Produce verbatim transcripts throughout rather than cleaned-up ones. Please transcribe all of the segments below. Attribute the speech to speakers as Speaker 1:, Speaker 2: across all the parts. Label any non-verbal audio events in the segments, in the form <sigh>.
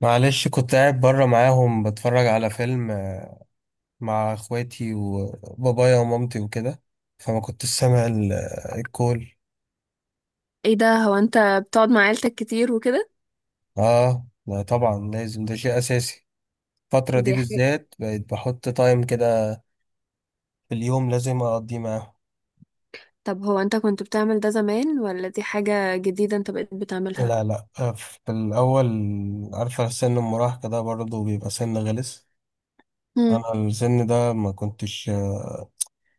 Speaker 1: معلش، كنت قاعد بره معاهم بتفرج على فيلم آه، مع اخواتي وبابايا ومامتي وكده. فما كنتش سامع ال- آه، الكول.
Speaker 2: ايه ده؟ هو انت بتقعد مع عيلتك كتير وكده؟
Speaker 1: اه، لا طبعا، لازم ده شيء اساسي. الفترة دي
Speaker 2: دي حاجة.
Speaker 1: بالذات بقيت بحط تايم كده في اليوم لازم اقضيه معاهم.
Speaker 2: طب هو انت كنت بتعمل ده زمان ولا دي حاجة جديدة انت بقيت بتعملها؟
Speaker 1: لا، لا، آه، في الاول عارفة، سن المراهقة ده برضه بيبقى سن غلس.
Speaker 2: امم،
Speaker 1: انا السن ده ما كنتش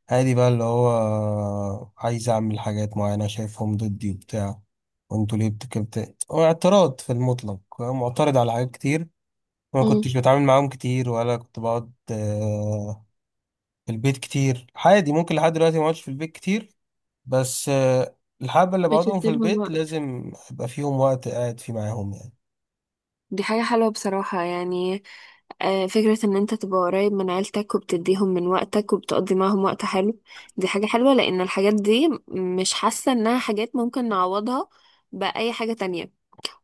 Speaker 1: عادي، بقى اللي هو عايز اعمل حاجات معينة شايفهم ضدي وبتاع، وانتوا ليه بتكبت، هو اعتراض في المطلق، معترض على حاجات كتير. ما
Speaker 2: امم.
Speaker 1: كنتش بتعامل معاهم كتير ولا كنت بقعد آه، في البيت كتير. عادي، ممكن لحد دلوقتي ما اقعدش في البيت كتير، بس آه، الحبة اللي بقعدهم في
Speaker 2: بتدي لهم
Speaker 1: البيت
Speaker 2: وقت.
Speaker 1: لازم يبقى فيهم وقت قاعد فيه معاهم يعني.
Speaker 2: دي حاجة حلوة بصراحة يعني. آه، فكرة ان انت تبقى قريب من عيلتك وبتديهم من وقتك وبتقضي معاهم وقت حلو. دي حاجة حلوة لان الحاجات دي مش حاسة انها حاجات ممكن نعوضها بأي حاجة تانية.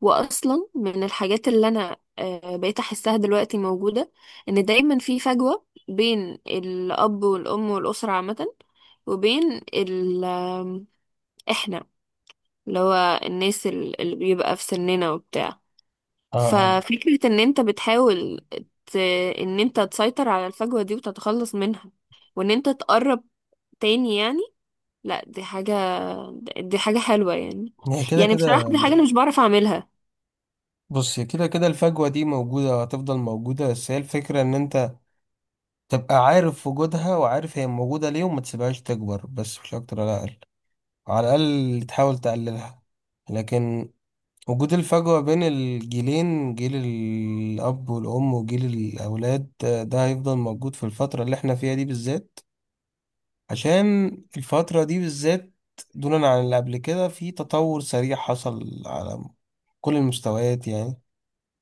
Speaker 2: واصلا من الحاجات اللي انا آه، بقيت احسها دلوقتي موجودة ان دايما في فجوة بين الاب والام والاسرة عامة، وبين ال آم، احنا، اللي هو الناس ال- اللي بيبقى في سننا وبتاع.
Speaker 1: آه، آه،
Speaker 2: ففكرة ان انت بتحاول ت... ان انت تسيطر على الفجوة دي وتتخلص منها وان انت تقرب تاني يعني. لا، دي حاجة، دي حاجة حلوة يعني.
Speaker 1: هي كده
Speaker 2: يعني بصراحة
Speaker 1: كده.
Speaker 2: دي حاجة انا مش بعرف اعملها.
Speaker 1: بص، هي كده كده الفجوة دي موجودة، هتفضل موجودة، بس هي الفكرة ان انت تبقى عارف وجودها وعارف هي موجودة ليه وما تسيبهاش تكبر، بس مش أكتر ولا أقل، على الأقل تحاول تقللها. لكن وجود الفجوة بين الجيلين، جيل الأب والأم وجيل الأولاد، آه، ده هيفضل موجود في الفترة اللي احنا فيها دي بالذات، عشان الفترة دي بالذات دونا عن اللي قبل كده، في تطور سريع حصل على كل المستويات يعني.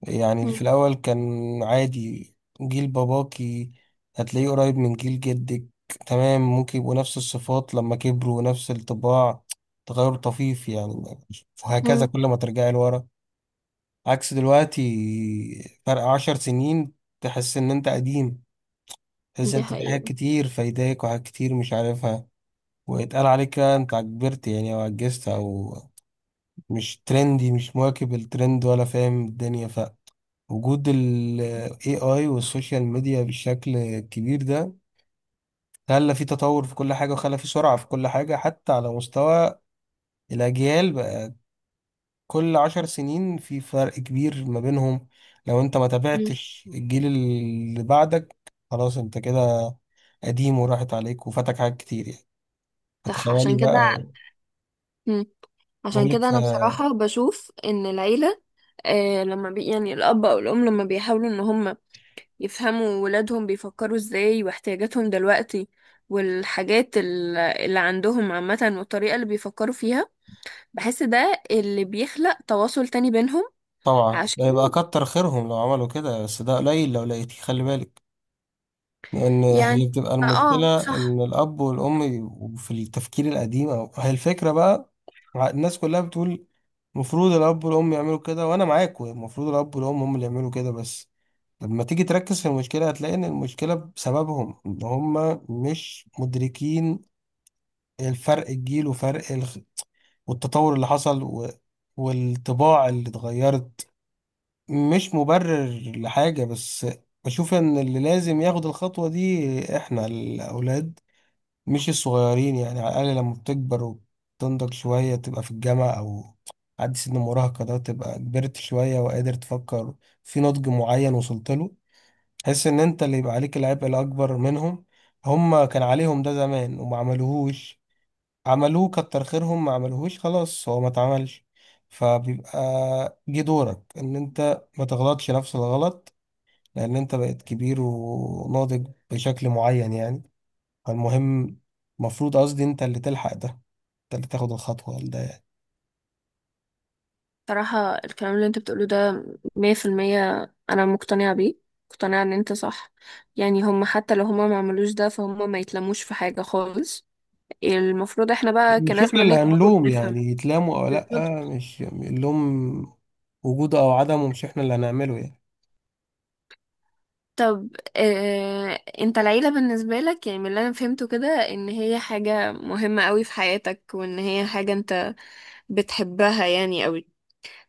Speaker 1: يعني اللي في
Speaker 2: مم.
Speaker 1: الأول كان عادي، جيل باباكي هتلاقيه قريب من جيل جدك، تمام، ممكن يبقوا نفس الصفات لما كبروا ونفس الطباع، تغير طفيف يعني، وهكذا
Speaker 2: مم.
Speaker 1: كل ما ترجعي لورا. عكس دلوقتي، فرق عشر سنين تحس إن أنت قديم، تحس إن
Speaker 2: دي
Speaker 1: أنت في حاجات
Speaker 2: حقيقة.
Speaker 1: كتير فايداك وحاجات كتير مش عارفها. ويتقال عليك بقى أنت كبرت يعني، أو عجزت، أو مش ترندي، مش مواكب الترند ولا فاهم الدنيا. وجود ال A I والسوشيال ميديا بشكل كبير ده خلى في تطور في كل حاجة وخلى في سرعة في كل حاجة، حتى على مستوى الأجيال بقى كل عشر سنين في فرق كبير ما بينهم. لو أنت ما
Speaker 2: مم.
Speaker 1: تابعتش الجيل اللي بعدك، خلاص أنت كده قديم، وراحت عليك وفاتك حاجات كتير يعني،
Speaker 2: صح،
Speaker 1: فتخيلي
Speaker 2: عشان كده.
Speaker 1: بقى.
Speaker 2: مم. عشان
Speaker 1: بقولك
Speaker 2: كده
Speaker 1: ف-
Speaker 2: انا بصراحة بشوف ان العيلة آه لما بي يعني الاب او الام لما بيحاولوا ان هم يفهموا ولادهم بيفكروا ازاي واحتياجاتهم دلوقتي، والحاجات ال- اللي عندهم عامة، والطريقة اللي بيفكروا فيها، بحس ده اللي بيخلق تواصل تاني بينهم.
Speaker 1: طبعا ده
Speaker 2: عشان
Speaker 1: يبقى كتر خيرهم لو عملوا كده، بس ده قليل لو لقيتيه، خلي بالك. لأن
Speaker 2: يعني،
Speaker 1: هي بتبقى
Speaker 2: اه
Speaker 1: المشكلة
Speaker 2: صح.
Speaker 1: إن الأب والأم ي- في التفكير القديم، أو هي الفكرة بقى. ع- الناس كلها بتقول المفروض الأب والأم يعملوا كده، وأنا معاك، المفروض الأب والأم هم اللي يعملوا كده، بس لما تيجي تركز في المشكلة هتلاقي إن المشكلة بسببهم، إن هم مش مدركين الفرق الجيل وفرق الخ... والتطور اللي حصل و... والطباع اللي اتغيرت. مش مبرر لحاجة، بس بشوف ان اللي لازم ياخد الخطوة دي احنا الاولاد، مش الصغيرين يعني. على الاقل لما بتكبر وتنضج شوية، تبقى في الجامعة او عدي سن المراهقة ده، تبقى كبرت شوية وقادر تفكر في نضج معين وصلت له، تحس ان انت اللي يبقى عليك العبء الاكبر منهم. هما كان عليهم ده زمان وما عملوهوش، عملوه كتر خيرهم، ما عملوهوش خلاص هو ما اتعملش، فبيبقى جه دورك ان انت ما تغلطش نفس الغلط، لان انت بقيت كبير وناضج بشكل معين يعني. فالمهم، المفروض قصدي انت اللي تلحق ده، انت اللي تاخد الخطوة ده يعني.
Speaker 2: صراحة الكلام اللي انت بتقوله ده مية في المية، أنا مقتنعة بيه، مقتنعة إن انت صح. يعني هم حتى لو هم ما عملوش ده فهم ما يتلموش في حاجة خالص. المفروض احنا بقى
Speaker 1: مش
Speaker 2: كناس
Speaker 1: احنا اللي
Speaker 2: بنكبر
Speaker 1: هنلوم
Speaker 2: وبنفهم.
Speaker 1: يعني، يتلاموا او
Speaker 2: بالظبط.
Speaker 1: لا، مش اللوم وجوده او عدمه مش احنا اللي هنعمله يعني.
Speaker 2: طب، اه، انت العيلة بالنسبة لك، يعني من اللي أنا فهمته كده، إن هي حاجة مهمة قوي في حياتك وإن هي حاجة انت بتحبها يعني قوي.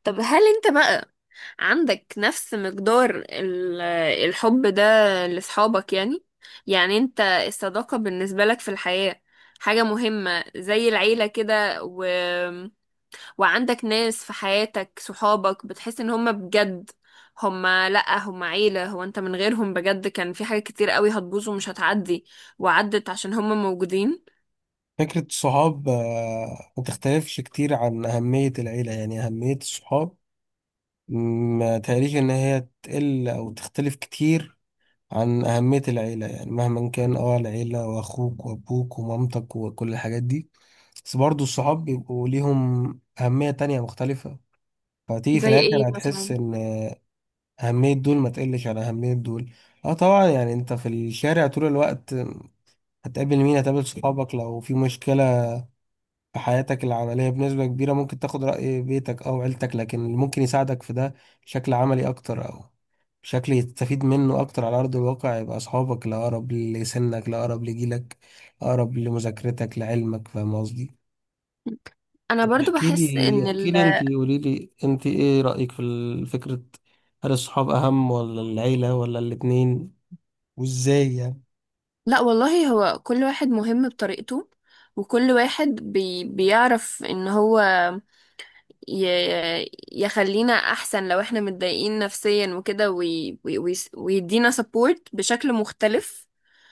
Speaker 2: طب هل انت بقى عندك نفس مقدار ال- الحب ده لأصحابك يعني؟ يعني انت الصداقة بالنسبة لك في الحياة حاجة مهمة زي العيلة كده، و... وعندك ناس في حياتك، صحابك، بتحس ان هم بجد هم، لأ، هم عيلة، هو انت من غيرهم بجد كان في حاجة كتير قوي هتبوظ ومش هتعدي، وعدت عشان هم موجودين؟
Speaker 1: فكرة الصحاب آه، ما تختلفش كتير عن أهمية العيلة. يعني أهمية الصحاب ما تهيأليش إن هي تقل أو تختلف كتير عن أهمية العيلة. يعني مهما كان اه العيلة وأخوك وأبوك ومامتك وكل الحاجات دي، بس برضه الصحاب بيبقوا ليهم أهمية تانية مختلفة. فتيجي في
Speaker 2: زي ايه
Speaker 1: الآخر هتحس
Speaker 2: مثلا؟
Speaker 1: إن أهمية دول ما تقلش عن أهمية دول. اه طبعا، يعني انت في الشارع طول الوقت هتقابل مين؟ هتقابل صحابك. لو في مشكلة في حياتك العملية بنسبة كبيرة ممكن تاخد رأي بيتك أو عيلتك، لكن اللي ممكن يساعدك في ده بشكل عملي أكتر، أو بشكل يستفيد منه أكتر على أرض الواقع، يبقى أصحابك، الأقرب لسنك، الأقرب لجيلك، الأقرب لمذاكرتك لعلمك، فاهم قصدي؟
Speaker 2: انا برضو
Speaker 1: احكي
Speaker 2: بحس
Speaker 1: لي
Speaker 2: ان
Speaker 1: احكي
Speaker 2: ال...
Speaker 1: لي أنت، قولي لي أنت إيه رأيك في ال- فكرة، هل الصحاب أهم ولا العيلة ولا الاتنين، وإزاي يعني؟
Speaker 2: لا والله، هو كل واحد مهم بطريقته، وكل واحد بي بيعرف ان هو ي يخلينا احسن لو احنا متضايقين نفسيا وكده، وي وي وي ويدينا سبورت بشكل مختلف.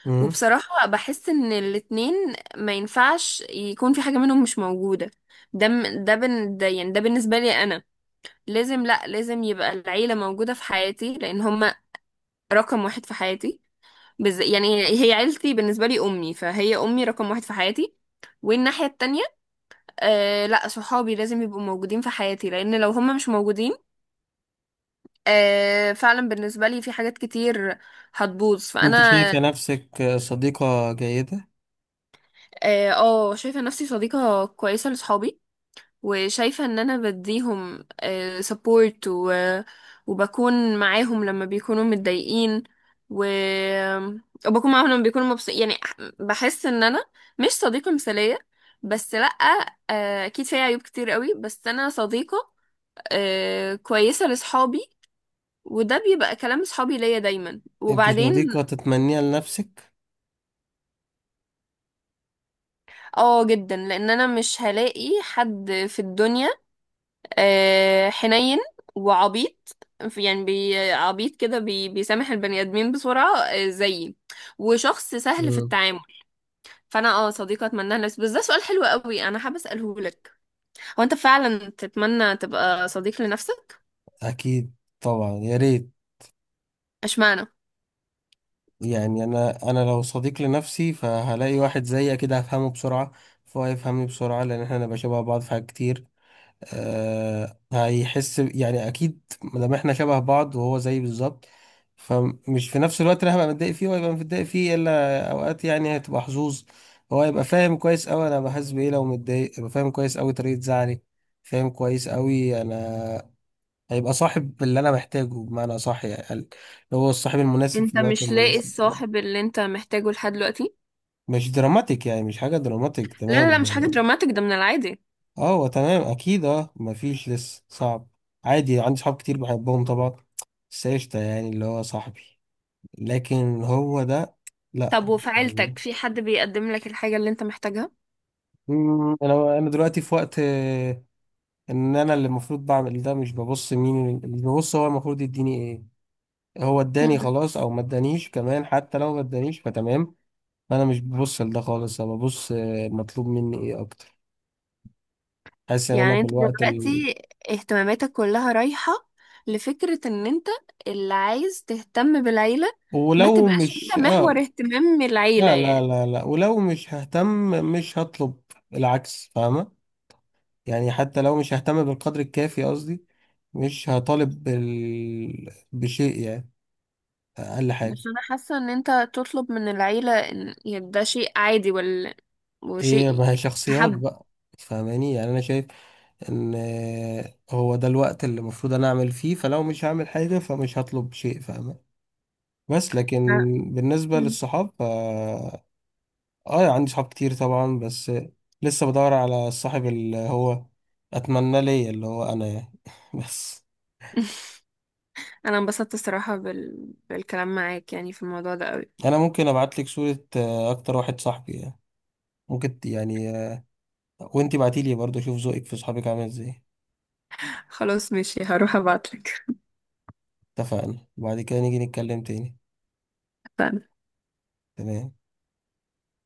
Speaker 1: مم.
Speaker 2: وبصراحة بحس ان الاتنين ما ينفعش يكون في حاجة منهم مش موجودة. ده م- ده بن ده، يعني ده بالنسبة لي انا لازم، لا، لازم يبقى العيلة موجودة في حياتي لان هما رقم واحد في حياتي. بز... يعني هي عيلتي بالنسبة لي أمي، فهي أمي رقم واحد في حياتي. والناحية التانية، آه لا، صحابي لازم يبقوا موجودين في حياتي، لأن لو هم مش موجودين آه، فعلا بالنسبة لي في حاجات كتير هتبوظ.
Speaker 1: أنت
Speaker 2: فأنا،
Speaker 1: شايفة نفسك صديقة جيدة؟
Speaker 2: اه، آه، شايفة نفسي صديقة كويسة لصحابي، وشايفة ان انا بديهم سبورت و... وبكون معاهم لما بيكونوا متضايقين، و... وبكون معاهم لما بيكونوا مبسوطين يعني. بحس ان انا مش صديقة مثالية بس، لأ، آه، اكيد فيها عيوب كتير قوي، بس انا صديقة آه، كويسة لصحابي، وده بيبقى كلام صحابي ليا دايما.
Speaker 1: أنت
Speaker 2: وبعدين
Speaker 1: صديقة تتمنيها لنفسك؟
Speaker 2: اه، جدا، لان انا مش هلاقي حد في الدنيا آه، حنين وعبيط. يعني بي عبيط كده، بي بيسامح البني ادمين بسرعه آه، زيي، وشخص سهل في التعامل. فانا اه صديقه اتمناها لنفسي، بس ده سؤال حلو قوي انا حابه اساله لك. هو انت فعلا تتمنى تبقى صديق لنفسك؟
Speaker 1: اكيد، طبعا، يا ريت.
Speaker 2: اشمعنى؟
Speaker 1: يعني انا انا لو صديق لنفسي، فهلاقي واحد زيي كده هفهمه بسرعه، فهو يفهمني بسرعه لان احنا نبقى شبه بعض في حاجات كتير. أه، هيحس ب- يعني اكيد، مادام احنا شبه بعض وهو زيي بالظبط، فمش في نفس الوقت انا هبقى متضايق فيه وهيبقى متضايق فيه، الا اوقات يعني، هتبقى حظوظ. هو هيبقى فاهم كويس قوي انا بحس بايه لو متضايق، هيبقى فاهم كويس قوي طريقه زعلي، فاهم كويس قوي انا. هيبقى صاحب اللي انا محتاجه بمعنى صح يعني، اللي هو الصاحب المناسب في
Speaker 2: انت
Speaker 1: الوقت
Speaker 2: مش لاقي
Speaker 1: المناسب.
Speaker 2: الصاحب اللي انت محتاجه لحد دلوقتي؟
Speaker 1: مش دراماتيك يعني، مش حاجة دراماتيك،
Speaker 2: لا لا
Speaker 1: تمام.
Speaker 2: لا، مش حاجه دراماتيك، ده من العادي.
Speaker 1: اه، هو تمام، اكيد. اه مفيش لسه، صعب. عادي، عندي صحاب كتير بحبهم طبعا، بس قشطة يعني اللي هو صاحبي. لكن هو ده، لا،
Speaker 2: طب وفي
Speaker 1: مش هو.
Speaker 2: عيلتك في حد بيقدم لك الحاجه اللي انت محتاجها؟
Speaker 1: مم، انا انا دلوقتي في وقت آه، ان انا اللي المفروض بعمل ده، مش ببص مين اللي، ببص هو المفروض يديني ايه. هو اداني خلاص او ما ادانيش، كمان حتى لو ما ادانيش فتمام. انا مش ببص لده خالص، انا ببص آه، مطلوب مني ايه اكتر. حاسس ان انا
Speaker 2: يعني
Speaker 1: في
Speaker 2: انت
Speaker 1: الوقت ال...
Speaker 2: دلوقتي اهتماماتك كلها رايحة لفكرة ان انت اللي عايز تهتم بالعيلة. ما
Speaker 1: ولو
Speaker 2: تبقاش انت
Speaker 1: مش
Speaker 2: محور
Speaker 1: اه
Speaker 2: اهتمام العيلة
Speaker 1: لا، لا،
Speaker 2: يعني.
Speaker 1: لا، لا، ولو مش ههتم مش هطلب، العكس، فاهمة. يعني حتى لو مش ههتم بالقدر الكافي قصدي، مش هطالب بال... بشيء يعني. اقل حاجة.
Speaker 2: بس انا حاسة ان انت تطلب من العيلة، ان يعني ده شيء عادي ولا
Speaker 1: ايه، ما
Speaker 2: وشيء
Speaker 1: هي شخصيات
Speaker 2: مستحب؟
Speaker 1: بقى، فاهماني يعني. انا شايف ان آه، هو ده الوقت اللي المفروض انا اعمل فيه، فلو مش هعمل حاجة فمش هطلب شيء، فاهمة. بس لكن
Speaker 2: لا.
Speaker 1: بالنسبة
Speaker 2: مم.
Speaker 1: للصحاب ف... اه يعني، عندي صحاب كتير طبعا، بس لسه بدور على الصاحب اللي هو اتمنى ليا، اللي هو انا يعني. <laughs> بس
Speaker 2: <laughs> انا انبسطت الصراحة بال... بالكلام معاك يعني في الموضوع ده قوي.
Speaker 1: انا ممكن ابعت لك صورة آه، اكتر واحد صاحبي يعني، ممكن ت- يعني آه، وانتي بعتيلي برضه، اشوف ذوقك في صحابك عامل ازاي.
Speaker 2: خلاص ماشي، هروح ابعتلك.
Speaker 1: اتفقنا، وبعد كده نيجي نتكلم تاني.
Speaker 2: اتفقنا.
Speaker 1: تمام.